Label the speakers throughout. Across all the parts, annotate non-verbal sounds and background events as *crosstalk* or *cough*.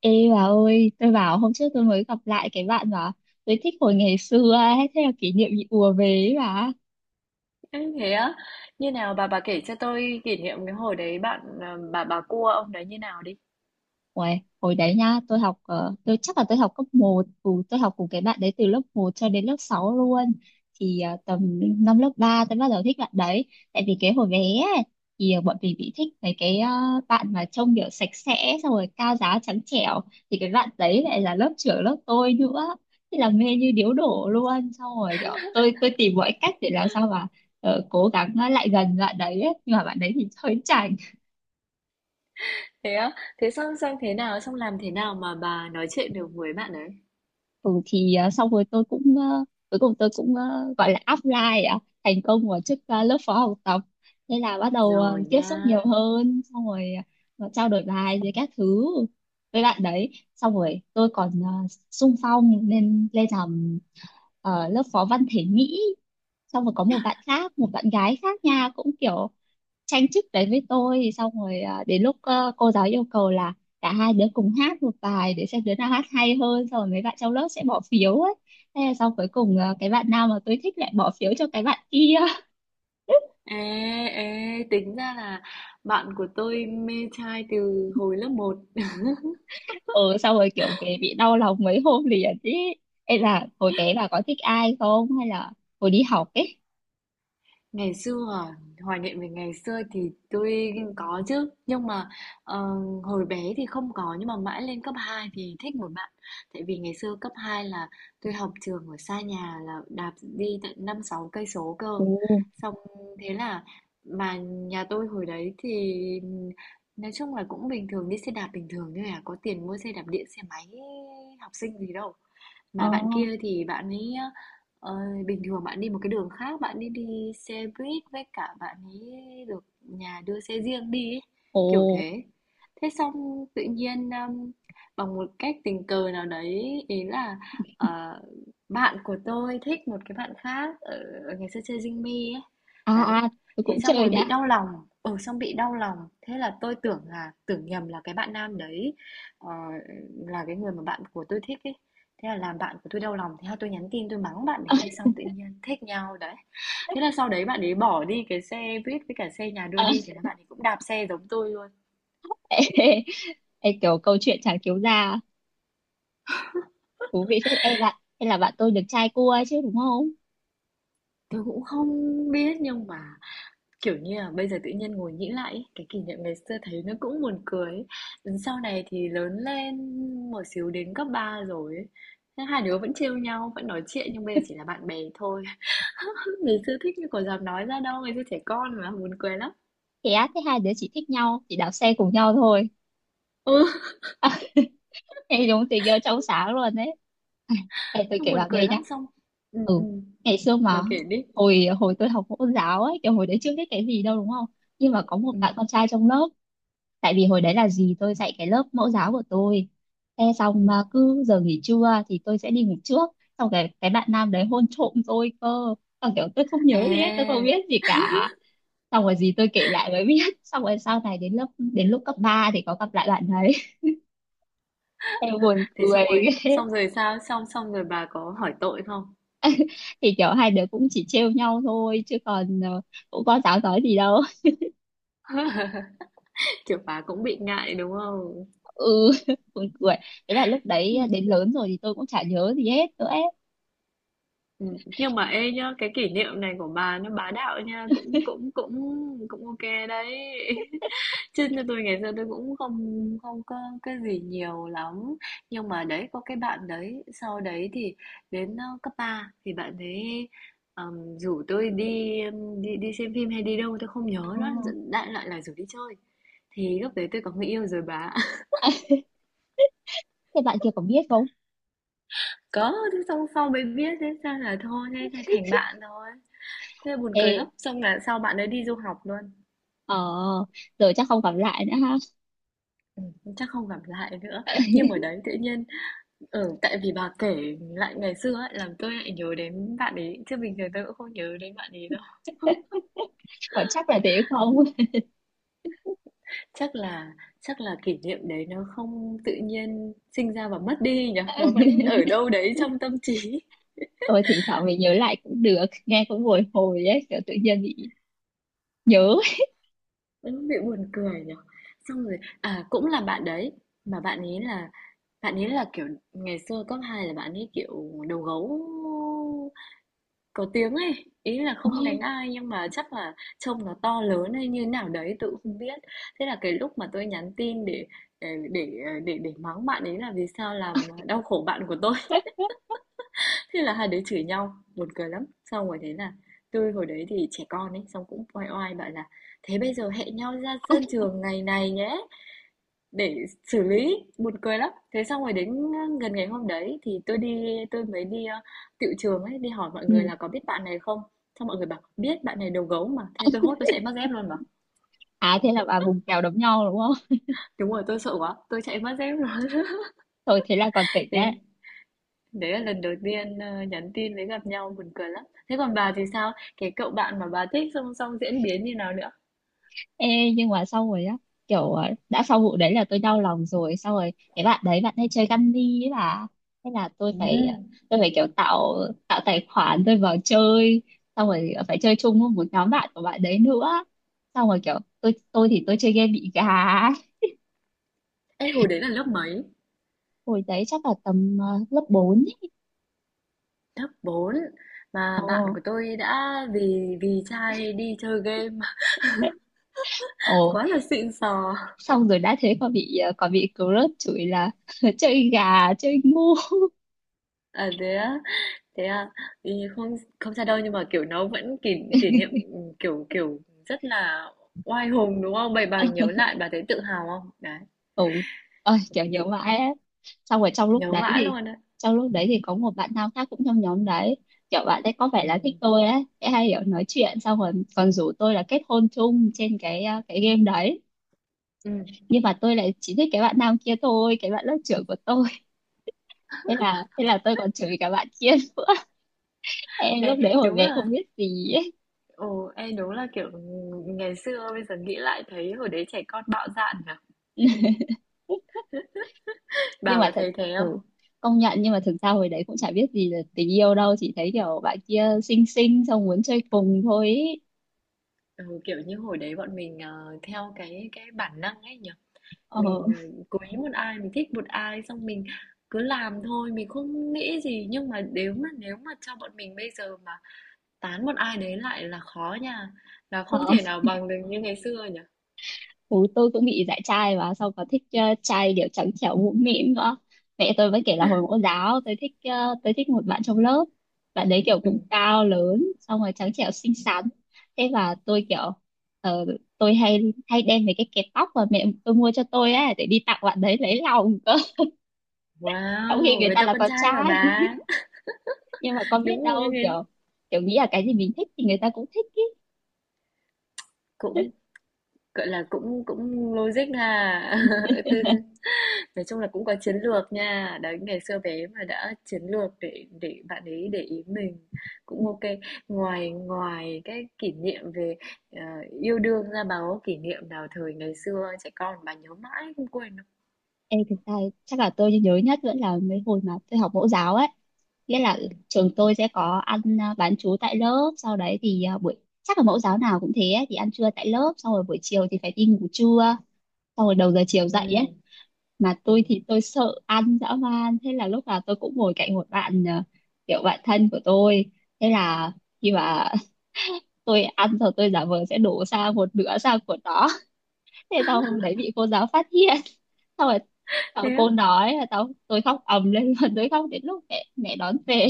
Speaker 1: Ê bà ơi, tôi bảo hôm trước tôi mới gặp lại cái bạn mà tôi thích hồi ngày xưa ấy, thế là kỷ niệm bị ùa về ấy bà.
Speaker 2: Ê, thế á? Như nào bà kể cho tôi kỷ niệm cái hồi đấy bạn à, bà cua ông đấy như nào đi.
Speaker 1: Uầy, hồi đấy nha, tôi chắc là tôi học cấp một cùng tôi học cùng cái bạn đấy từ lớp một cho đến lớp 6 luôn. Thì tầm năm lớp 3 tôi bắt đầu thích bạn đấy. Tại vì cái hồi bé ấy, thì bọn mình bị thích mấy cái bạn mà trông kiểu sạch sẽ xong rồi cao ráo trắng trẻo, thì cái bạn đấy lại là lớp trưởng lớp tôi nữa. Thế là mê như điếu đổ luôn. Xong rồi kiểu tôi tìm mọi cách để làm sao mà cố gắng lại gần bạn đấy ấy. Nhưng mà bạn đấy thì hơi chảnh.
Speaker 2: Thế á? Thế xong xong thế nào, xong làm thế nào mà bà nói chuyện được với bạn ấy?
Speaker 1: Ừ, thì, ờ, xong rồi tôi cũng, cuối cùng tôi cũng, gọi là apply, thành công vào chức, lớp phó học tập. Thế là bắt đầu
Speaker 2: Rồi
Speaker 1: tiếp xúc
Speaker 2: nha.
Speaker 1: nhiều hơn, xong rồi trao đổi bài với các thứ với bạn đấy. Xong rồi tôi còn xung phong lên lên làm lớp phó văn thể Mỹ. Xong rồi có một bạn khác, một bạn gái khác nha, cũng kiểu tranh chức đấy với tôi. Xong rồi à, đến lúc cô giáo yêu cầu là cả hai đứa cùng hát một bài để xem đứa nào hát hay hơn, xong rồi mấy bạn trong lớp sẽ bỏ phiếu ấy. Thế là xong, cuối cùng, cái bạn nào mà tôi thích lại bỏ phiếu cho cái bạn kia.
Speaker 2: Ê, ê, tính ra là bạn của tôi mê trai từ hồi lớp một.
Speaker 1: *laughs* Ừ, xong rồi kiểu về bị đau lòng mấy hôm liền ý. Ê, là hồi bé là có thích ai không, hay là hồi đi học ấy?
Speaker 2: Ngày xưa à, hoài niệm về ngày xưa thì tôi có chứ, nhưng mà ờ, hồi bé thì không có nhưng mà mãi lên cấp 2 thì thích một bạn. Tại vì ngày xưa cấp 2 là tôi học trường ở xa nhà, là đạp đi tận 5 6 cây số cơ.
Speaker 1: Ồ.
Speaker 2: Xong thế là mà nhà tôi hồi đấy thì nói chung là cũng bình thường, đi xe đạp bình thường thôi à, có tiền mua xe đạp điện xe máy học sinh gì đâu.
Speaker 1: Ờ.
Speaker 2: Mà bạn kia thì bạn ấy, ờ, bình thường bạn đi một cái đường khác, bạn đi đi xe buýt, với cả bạn ấy được nhà đưa xe riêng đi ấy,
Speaker 1: Ồ.
Speaker 2: kiểu thế. Thế xong tự nhiên, bằng một cách tình cờ nào đấy, ý là, ờ, bạn của tôi thích một cái bạn khác ở ở ngày xưa chơi dinh Me ấy.
Speaker 1: À
Speaker 2: Đấy,
Speaker 1: à, tôi
Speaker 2: thế
Speaker 1: cũng
Speaker 2: xong
Speaker 1: chơi
Speaker 2: rồi bị
Speaker 1: nhá.
Speaker 2: đau lòng, ừ, xong bị đau lòng. Thế là tôi tưởng là, tưởng nhầm là cái bạn nam đấy, ờ, là cái người mà bạn của tôi thích ấy. Thế là làm bạn của tôi đau lòng, thế là tôi nhắn tin tôi mắng bạn đấy, thế xong tự nhiên thích nhau đấy. Thế là sau đấy bạn ấy bỏ đi cái xe buýt với cả xe nhà đưa
Speaker 1: Ờ.
Speaker 2: đi, thế là bạn ấy cũng đạp xe giống tôi luôn.
Speaker 1: *laughs* Ê, ê, ê, kiểu câu chuyện chả cứu gia thú vị phết. Ê bạn, hay là bạn tôi được trai cua chứ, đúng không?
Speaker 2: Tôi cũng không biết, nhưng mà kiểu như là bây giờ tự nhiên ngồi nghĩ lại cái kỷ niệm ngày xưa thấy nó cũng buồn cười ấy. Sau này thì lớn lên một xíu, đến cấp 3 rồi ấy. Hai đứa vẫn trêu nhau, vẫn nói chuyện nhưng bây giờ chỉ là bạn bè thôi. *laughs* Ngày xưa thích nhưng còn dám nói ra đâu, ngày xưa trẻ con mà buồn cười lắm.
Speaker 1: Thế á? Thế hai đứa chỉ thích nhau chỉ đạp xe cùng nhau thôi?
Speaker 2: Ừ,
Speaker 1: *laughs* Thế đúng tình yêu trong sáng luôn đấy. *laughs* Ai, ê, tôi
Speaker 2: xong
Speaker 1: kể
Speaker 2: buồn
Speaker 1: bà
Speaker 2: cười
Speaker 1: nghe nhá.
Speaker 2: lắm, xong ừ,
Speaker 1: Ừ,
Speaker 2: ừ.
Speaker 1: ngày xưa
Speaker 2: Bà
Speaker 1: mà,
Speaker 2: kể đi.
Speaker 1: hồi hồi tôi học mẫu giáo ấy, kiểu hồi đấy chưa biết cái gì đâu, đúng không? Nhưng mà có một
Speaker 2: Ừ,
Speaker 1: bạn con trai trong lớp. Tại vì hồi đấy là gì, tôi dạy cái lớp mẫu giáo của tôi. Thế
Speaker 2: ừ.
Speaker 1: xong mà cứ giờ nghỉ trưa thì tôi sẽ đi ngủ trước. Xong cái bạn nam đấy hôn trộm tôi cơ. Xong kiểu tôi không nhớ gì hết, tôi không
Speaker 2: À
Speaker 1: biết gì cả. Xong rồi gì tôi kể lại mới biết. *laughs* Xong rồi sau này, đến lúc cấp 3 thì có gặp lại bạn đấy. *laughs* Em buồn
Speaker 2: thế xong
Speaker 1: cười.
Speaker 2: rồi xong rồi sao, xong xong rồi bà có hỏi tội không,
Speaker 1: *laughs* Thì kiểu hai đứa cũng chỉ trêu nhau thôi chứ còn, cũng có giáo nói gì đâu.
Speaker 2: kiểu bà cũng bị ngại đúng không?
Speaker 1: *laughs* Ừ. *laughs* Buồn cười. Thế là lúc
Speaker 2: Ừ.
Speaker 1: đấy đến lớn rồi thì tôi cũng chả nhớ gì hết nữa ấy.
Speaker 2: Ừ. Nhưng mà ê nhá, cái kỷ niệm này của bà nó bá đạo nha, cũng cũng cũng cũng ok đấy. Chứ như tôi ngày xưa tôi cũng không không có cái gì nhiều lắm. Nhưng mà đấy, có cái bạn đấy, sau đấy thì đến cấp 3 thì bạn ấy rủ tôi đi đi đi xem phim hay đi đâu tôi không nhớ nữa,
Speaker 1: À,
Speaker 2: đại loại là rủ đi chơi. Thì lúc đấy tôi có người yêu rồi bà. *laughs*
Speaker 1: thế bạn kia có biết không?
Speaker 2: Có, thế xong sau mới biết thế sao là thôi, thế thế thành bạn thôi. Thế là buồn
Speaker 1: Ê.
Speaker 2: cười lắm, xong là sau bạn ấy đi du học luôn.
Speaker 1: Ờ, rồi chắc không gặp lại nữa ha.
Speaker 2: Ừ, chắc không gặp lại nữa, nhưng
Speaker 1: *laughs*
Speaker 2: mà đấy tự nhiên ừ, tại vì bà kể lại ngày xưa ấy, làm tôi lại nhớ đến bạn ấy, chứ bình thường tôi cũng không nhớ đến bạn ấy đâu.
Speaker 1: Còn chắc là thế không?
Speaker 2: Chắc là chắc là kỷ niệm đấy nó không tự nhiên sinh ra và mất đi nhỉ, nó vẫn ở đâu đấy trong tâm trí.
Speaker 1: Tôi thỉnh thoảng mình nhớ lại cũng được, nghe cũng bồi hồi ấy, kiểu tự nhiên bị nhớ.
Speaker 2: *laughs* Nó bị buồn cười nhỉ, xong rồi à cũng là bạn đấy, mà bạn ấy là kiểu ngày xưa cấp 2 là bạn ấy kiểu đầu gấu. Có tiếng ấy, ý là không đánh
Speaker 1: *laughs*
Speaker 2: ai nhưng mà chắc là trông nó to lớn hay như nào đấy tự không biết. Thế là cái lúc mà tôi nhắn tin để để để mắng bạn ấy là vì sao làm đau khổ bạn của tôi. *laughs* Thế là hai đứa chửi nhau, buồn cười lắm. Xong rồi thế là tôi hồi đấy thì trẻ con ấy, xong cũng oai oai bảo là thế bây giờ hẹn nhau ra sân trường ngày này nhé để xử lý, buồn cười lắm. Thế xong rồi đến gần ngày hôm đấy thì tôi đi, tôi mới đi tiệu trường ấy, đi hỏi mọi người
Speaker 1: Ừ.
Speaker 2: là có biết bạn này không, xong mọi người bảo biết bạn này đầu gấu mà, thế tôi hốt tôi chạy mất dép luôn mà.
Speaker 1: À, thế là bà vùng kèo đấm nhau đúng không?
Speaker 2: Đúng rồi tôi sợ quá tôi chạy mất dép luôn. *laughs*
Speaker 1: Thôi thế là còn tỉnh đấy.
Speaker 2: Đến đấy là lần đầu tiên nhắn tin với gặp nhau, buồn cười lắm. Thế còn bà thì sao, cái cậu bạn mà bà thích xong xong diễn biến như nào nữa?
Speaker 1: Ê, nhưng mà sau rồi á, kiểu, đã sau vụ đấy là tôi đau lòng rồi, sau rồi cái bạn đấy bạn hay chơi Candy ấy bà. Thế là tôi
Speaker 2: Ừ.
Speaker 1: phải ờ, tôi phải kiểu tạo, tài khoản tôi vào chơi. Xong rồi phải chơi chung với một nhóm bạn của bạn đấy nữa. Xong rồi kiểu tôi thì tôi chơi game bị gà ấy.
Speaker 2: Ê, hồi đấy là lớp mấy?
Speaker 1: Hồi đấy chắc là tầm, lớp bốn ấy.
Speaker 2: Lớp 4. Mà bạn
Speaker 1: Ồ.
Speaker 2: của tôi đã vì vì trai đi chơi game. *laughs*
Speaker 1: Ồ,
Speaker 2: Quá là xịn sò.
Speaker 1: xong rồi đã thế còn bị crush chửi là, *laughs* chơi gà chơi ngu.
Speaker 2: À, thế á? Thế à? Thì không không sao đâu nhưng mà, kiểu, nó vẫn kỷ kỷ niệm, kiểu kiểu, rất là oai hùng, đúng không? Vậy bà nhớ lại bà thấy tự hào không? Đấy,
Speaker 1: Ừ ơi,
Speaker 2: ví
Speaker 1: kiểu nhớ
Speaker 2: dụ,
Speaker 1: mãi ấy. Xong rồi trong lúc
Speaker 2: nhớ
Speaker 1: đấy
Speaker 2: mãi
Speaker 1: thì
Speaker 2: luôn đấy.
Speaker 1: trong lúc đấy thì có một bạn nam khác cũng trong nhóm đấy. Kiểu bạn ấy có vẻ là thích
Speaker 2: Ừm.
Speaker 1: tôi ấy, sẽ hay kiểu nói chuyện, xong rồi còn rủ tôi là kết hôn chung trên cái game đấy.
Speaker 2: Ừm.
Speaker 1: Nhưng mà tôi lại chỉ thích cái bạn nam kia thôi, cái bạn lớp trưởng của tôi. *laughs* Thế là tôi còn chửi cả bạn kia nữa. *laughs* Em lúc đấy
Speaker 2: Ê,
Speaker 1: hồi
Speaker 2: đúng
Speaker 1: bé
Speaker 2: là
Speaker 1: không biết gì ấy.
Speaker 2: ồ, ê, đúng là, kiểu, ngày xưa bây giờ nghĩ lại thấy hồi đấy trẻ con bạo dạn nhỉ?
Speaker 1: *laughs* Nhưng
Speaker 2: Bà
Speaker 1: mà
Speaker 2: có
Speaker 1: thật,
Speaker 2: thấy thế không?
Speaker 1: ừ, công nhận, nhưng mà thực ra hồi đấy cũng chả biết gì là tình yêu đâu, chỉ thấy kiểu bạn kia xinh xinh xong muốn chơi cùng thôi ý.
Speaker 2: Ừ, kiểu như, hồi đấy bọn mình, theo cái bản năng ấy nhỉ?
Speaker 1: Ờ.
Speaker 2: Mình cố ý một ai, mình thích một ai xong mình cứ làm thôi, mình không nghĩ gì, nhưng mà nếu mà cho bọn mình bây giờ mà tán một ai đấy lại là khó nha, là không
Speaker 1: Ờ,
Speaker 2: thể nào bằng được như ngày xưa nhỉ.
Speaker 1: bố tôi cũng bị dạy trai và sau có thích, trai kiểu trắng trẻo mũm mĩm nữa. Mẹ tôi vẫn kể là hồi mẫu giáo tôi thích một bạn trong lớp. Bạn đấy kiểu
Speaker 2: Ừ.
Speaker 1: cũng cao lớn, xong rồi trắng trẻo xinh xắn. Thế là tôi kiểu, ờ, tôi hay hay đem mấy cái kẹp tóc mà mẹ tôi mua cho tôi ấy để đi tặng bạn đấy lấy lòng cơ. *laughs* Trong khi
Speaker 2: Wow
Speaker 1: người
Speaker 2: người
Speaker 1: ta
Speaker 2: ta
Speaker 1: là
Speaker 2: con
Speaker 1: con
Speaker 2: trai mà
Speaker 1: trai. *laughs*
Speaker 2: bà.
Speaker 1: Nhưng mà con
Speaker 2: *laughs*
Speaker 1: biết
Speaker 2: Đúng rồi,
Speaker 1: đâu,
Speaker 2: nên
Speaker 1: kiểu kiểu nghĩ là cái gì mình thích thì người ta cũng thích.
Speaker 2: cũng gọi là cũng cũng logic à. *laughs* Từ nói chung là cũng có chiến lược nha. Đấy, ngày xưa bé mà đã chiến lược để bạn ấy để ý mình, cũng ok. Ngoài ngoài cái kỷ niệm về ờ, yêu đương ra, bà có kỷ niệm nào thời ngày xưa trẻ con bà nhớ mãi không quên đâu?
Speaker 1: Ê, thực ra chắc là tôi nhớ nhất vẫn là mấy hồi mà tôi học mẫu giáo ấy, nghĩa là
Speaker 2: Ừ.
Speaker 1: trường tôi sẽ có ăn, bán trú tại lớp. Sau đấy thì, à, buổi chắc là mẫu giáo nào cũng thế ấy, thì ăn trưa tại lớp, xong rồi buổi chiều thì phải đi ngủ trưa, xong rồi đầu giờ chiều dậy ấy.
Speaker 2: Ừ.
Speaker 1: Mà
Speaker 2: Ừ.
Speaker 1: tôi thì tôi sợ ăn dã man, thế là lúc nào tôi cũng ngồi cạnh một bạn, kiểu bạn thân của tôi. Thế là khi mà, *laughs* tôi ăn rồi tôi giả vờ sẽ đổ sang một nửa sang của nó. Thế sau hôm đấy bị cô giáo phát hiện. *laughs* Xong rồi
Speaker 2: Thế á?
Speaker 1: cô nói là, tôi khóc ầm lên *laughs* luôn, tôi khóc đến lúc mẹ mẹ đón về.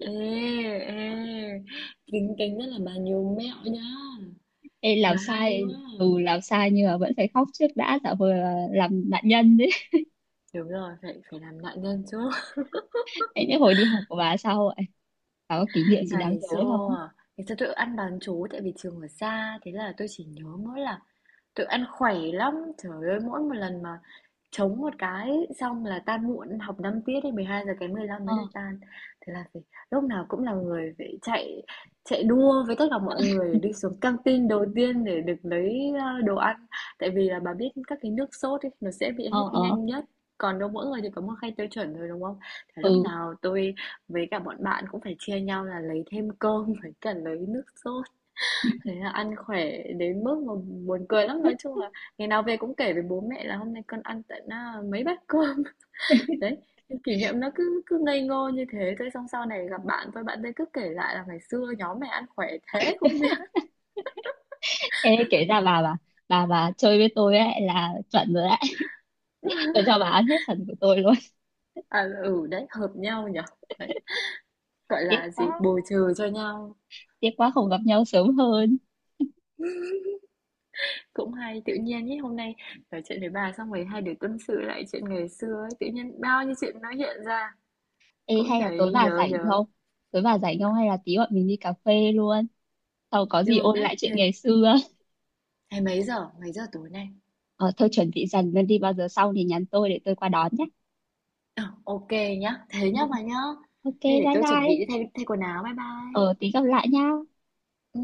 Speaker 2: Ê, ê. Kính kính rất là bà nhiều mẹo nhá.
Speaker 1: Ê, làm
Speaker 2: Bà hay
Speaker 1: sai.
Speaker 2: quá.
Speaker 1: Ừ, làm sai nhưng mà vẫn phải khóc trước đã, tạo vừa làm nạn nhân đấy.
Speaker 2: Đúng rồi, phải phải làm nạn nhân chứ. *laughs*
Speaker 1: *laughs* Thế những hồi đi học của bà sao vậy, bà có kỷ niệm gì đáng
Speaker 2: Ngày
Speaker 1: nhớ không?
Speaker 2: xưa Ngày xưa tôi ăn bán trú tại vì trường ở xa. Thế là tôi chỉ nhớ mỗi là tụi ăn khỏe lắm, trời ơi, mỗi một lần mà chống một cái xong là tan muộn, học 5 tiết thì 11:45
Speaker 1: Ờ.
Speaker 2: mới được tan. Thế là phải lúc nào cũng là người phải chạy chạy đua với tất cả mọi người để đi xuống căng tin đầu tiên để được lấy đồ ăn. Tại vì là bà biết các cái nước sốt ấy nó sẽ bị
Speaker 1: Ờ.
Speaker 2: hết
Speaker 1: Ờ.
Speaker 2: nhanh nhất. Còn đâu mỗi người thì có một khay tiêu chuẩn rồi đúng không? Thế lúc
Speaker 1: Ừ.
Speaker 2: nào tôi với cả bọn bạn cũng phải chia nhau là lấy thêm cơm *laughs* với cả lấy nước sốt. Thế là ăn khỏe đến mức mà buồn cười lắm, nói
Speaker 1: *laughs*
Speaker 2: chung là ngày nào về cũng kể với bố mẹ là hôm nay con ăn tận à, mấy bát cơm. *laughs* Đấy, những kỷ niệm nó cứ cứ ngây ngô như thế thôi, xong sau này gặp bạn thôi bạn ấy cứ kể lại là ngày xưa nhóm mày ăn khỏe thế không biết.
Speaker 1: Ê, kể ra bà chơi với tôi ấy là chuẩn rồi đấy. *laughs* Tôi
Speaker 2: *laughs*
Speaker 1: cho bà ăn hết phần của tôi luôn.
Speaker 2: À ừ đấy, hợp nhau nhở. Đấy, gọi
Speaker 1: Tiếc
Speaker 2: là gì,
Speaker 1: quá,
Speaker 2: bù trừ cho nhau,
Speaker 1: tiếc quá không gặp nhau sớm hơn.
Speaker 2: cũng hay. Tự nhiên nhé hôm nay nói chuyện với bà xong rồi hai đứa tâm sự lại chuyện ngày xưa ấy, tự nhiên bao nhiêu chuyện nó hiện ra,
Speaker 1: Ê,
Speaker 2: cũng
Speaker 1: hay là tối
Speaker 2: thấy
Speaker 1: bà
Speaker 2: nhớ
Speaker 1: rảnh
Speaker 2: nhớ.
Speaker 1: không? Tối bà rảnh không, hay là tí bọn mình đi cà phê luôn. Sau có gì
Speaker 2: Được
Speaker 1: ôn
Speaker 2: đấy,
Speaker 1: lại chuyện
Speaker 2: thế
Speaker 1: ngày xưa.
Speaker 2: thế mấy giờ tối nay?
Speaker 1: Ờ thôi, chuẩn bị dần lên đi, bao giờ xong thì nhắn tôi để tôi qua đón nhé.
Speaker 2: Ờ, OK nhá. Thế
Speaker 1: Ừ.
Speaker 2: nhá bà nhá.
Speaker 1: OK,
Speaker 2: Thế để
Speaker 1: bye
Speaker 2: tôi chuẩn bị đi
Speaker 1: bye.
Speaker 2: thay thay quần áo. Bye bye.
Speaker 1: Ờ, tí gặp lại nha.
Speaker 2: Ừ.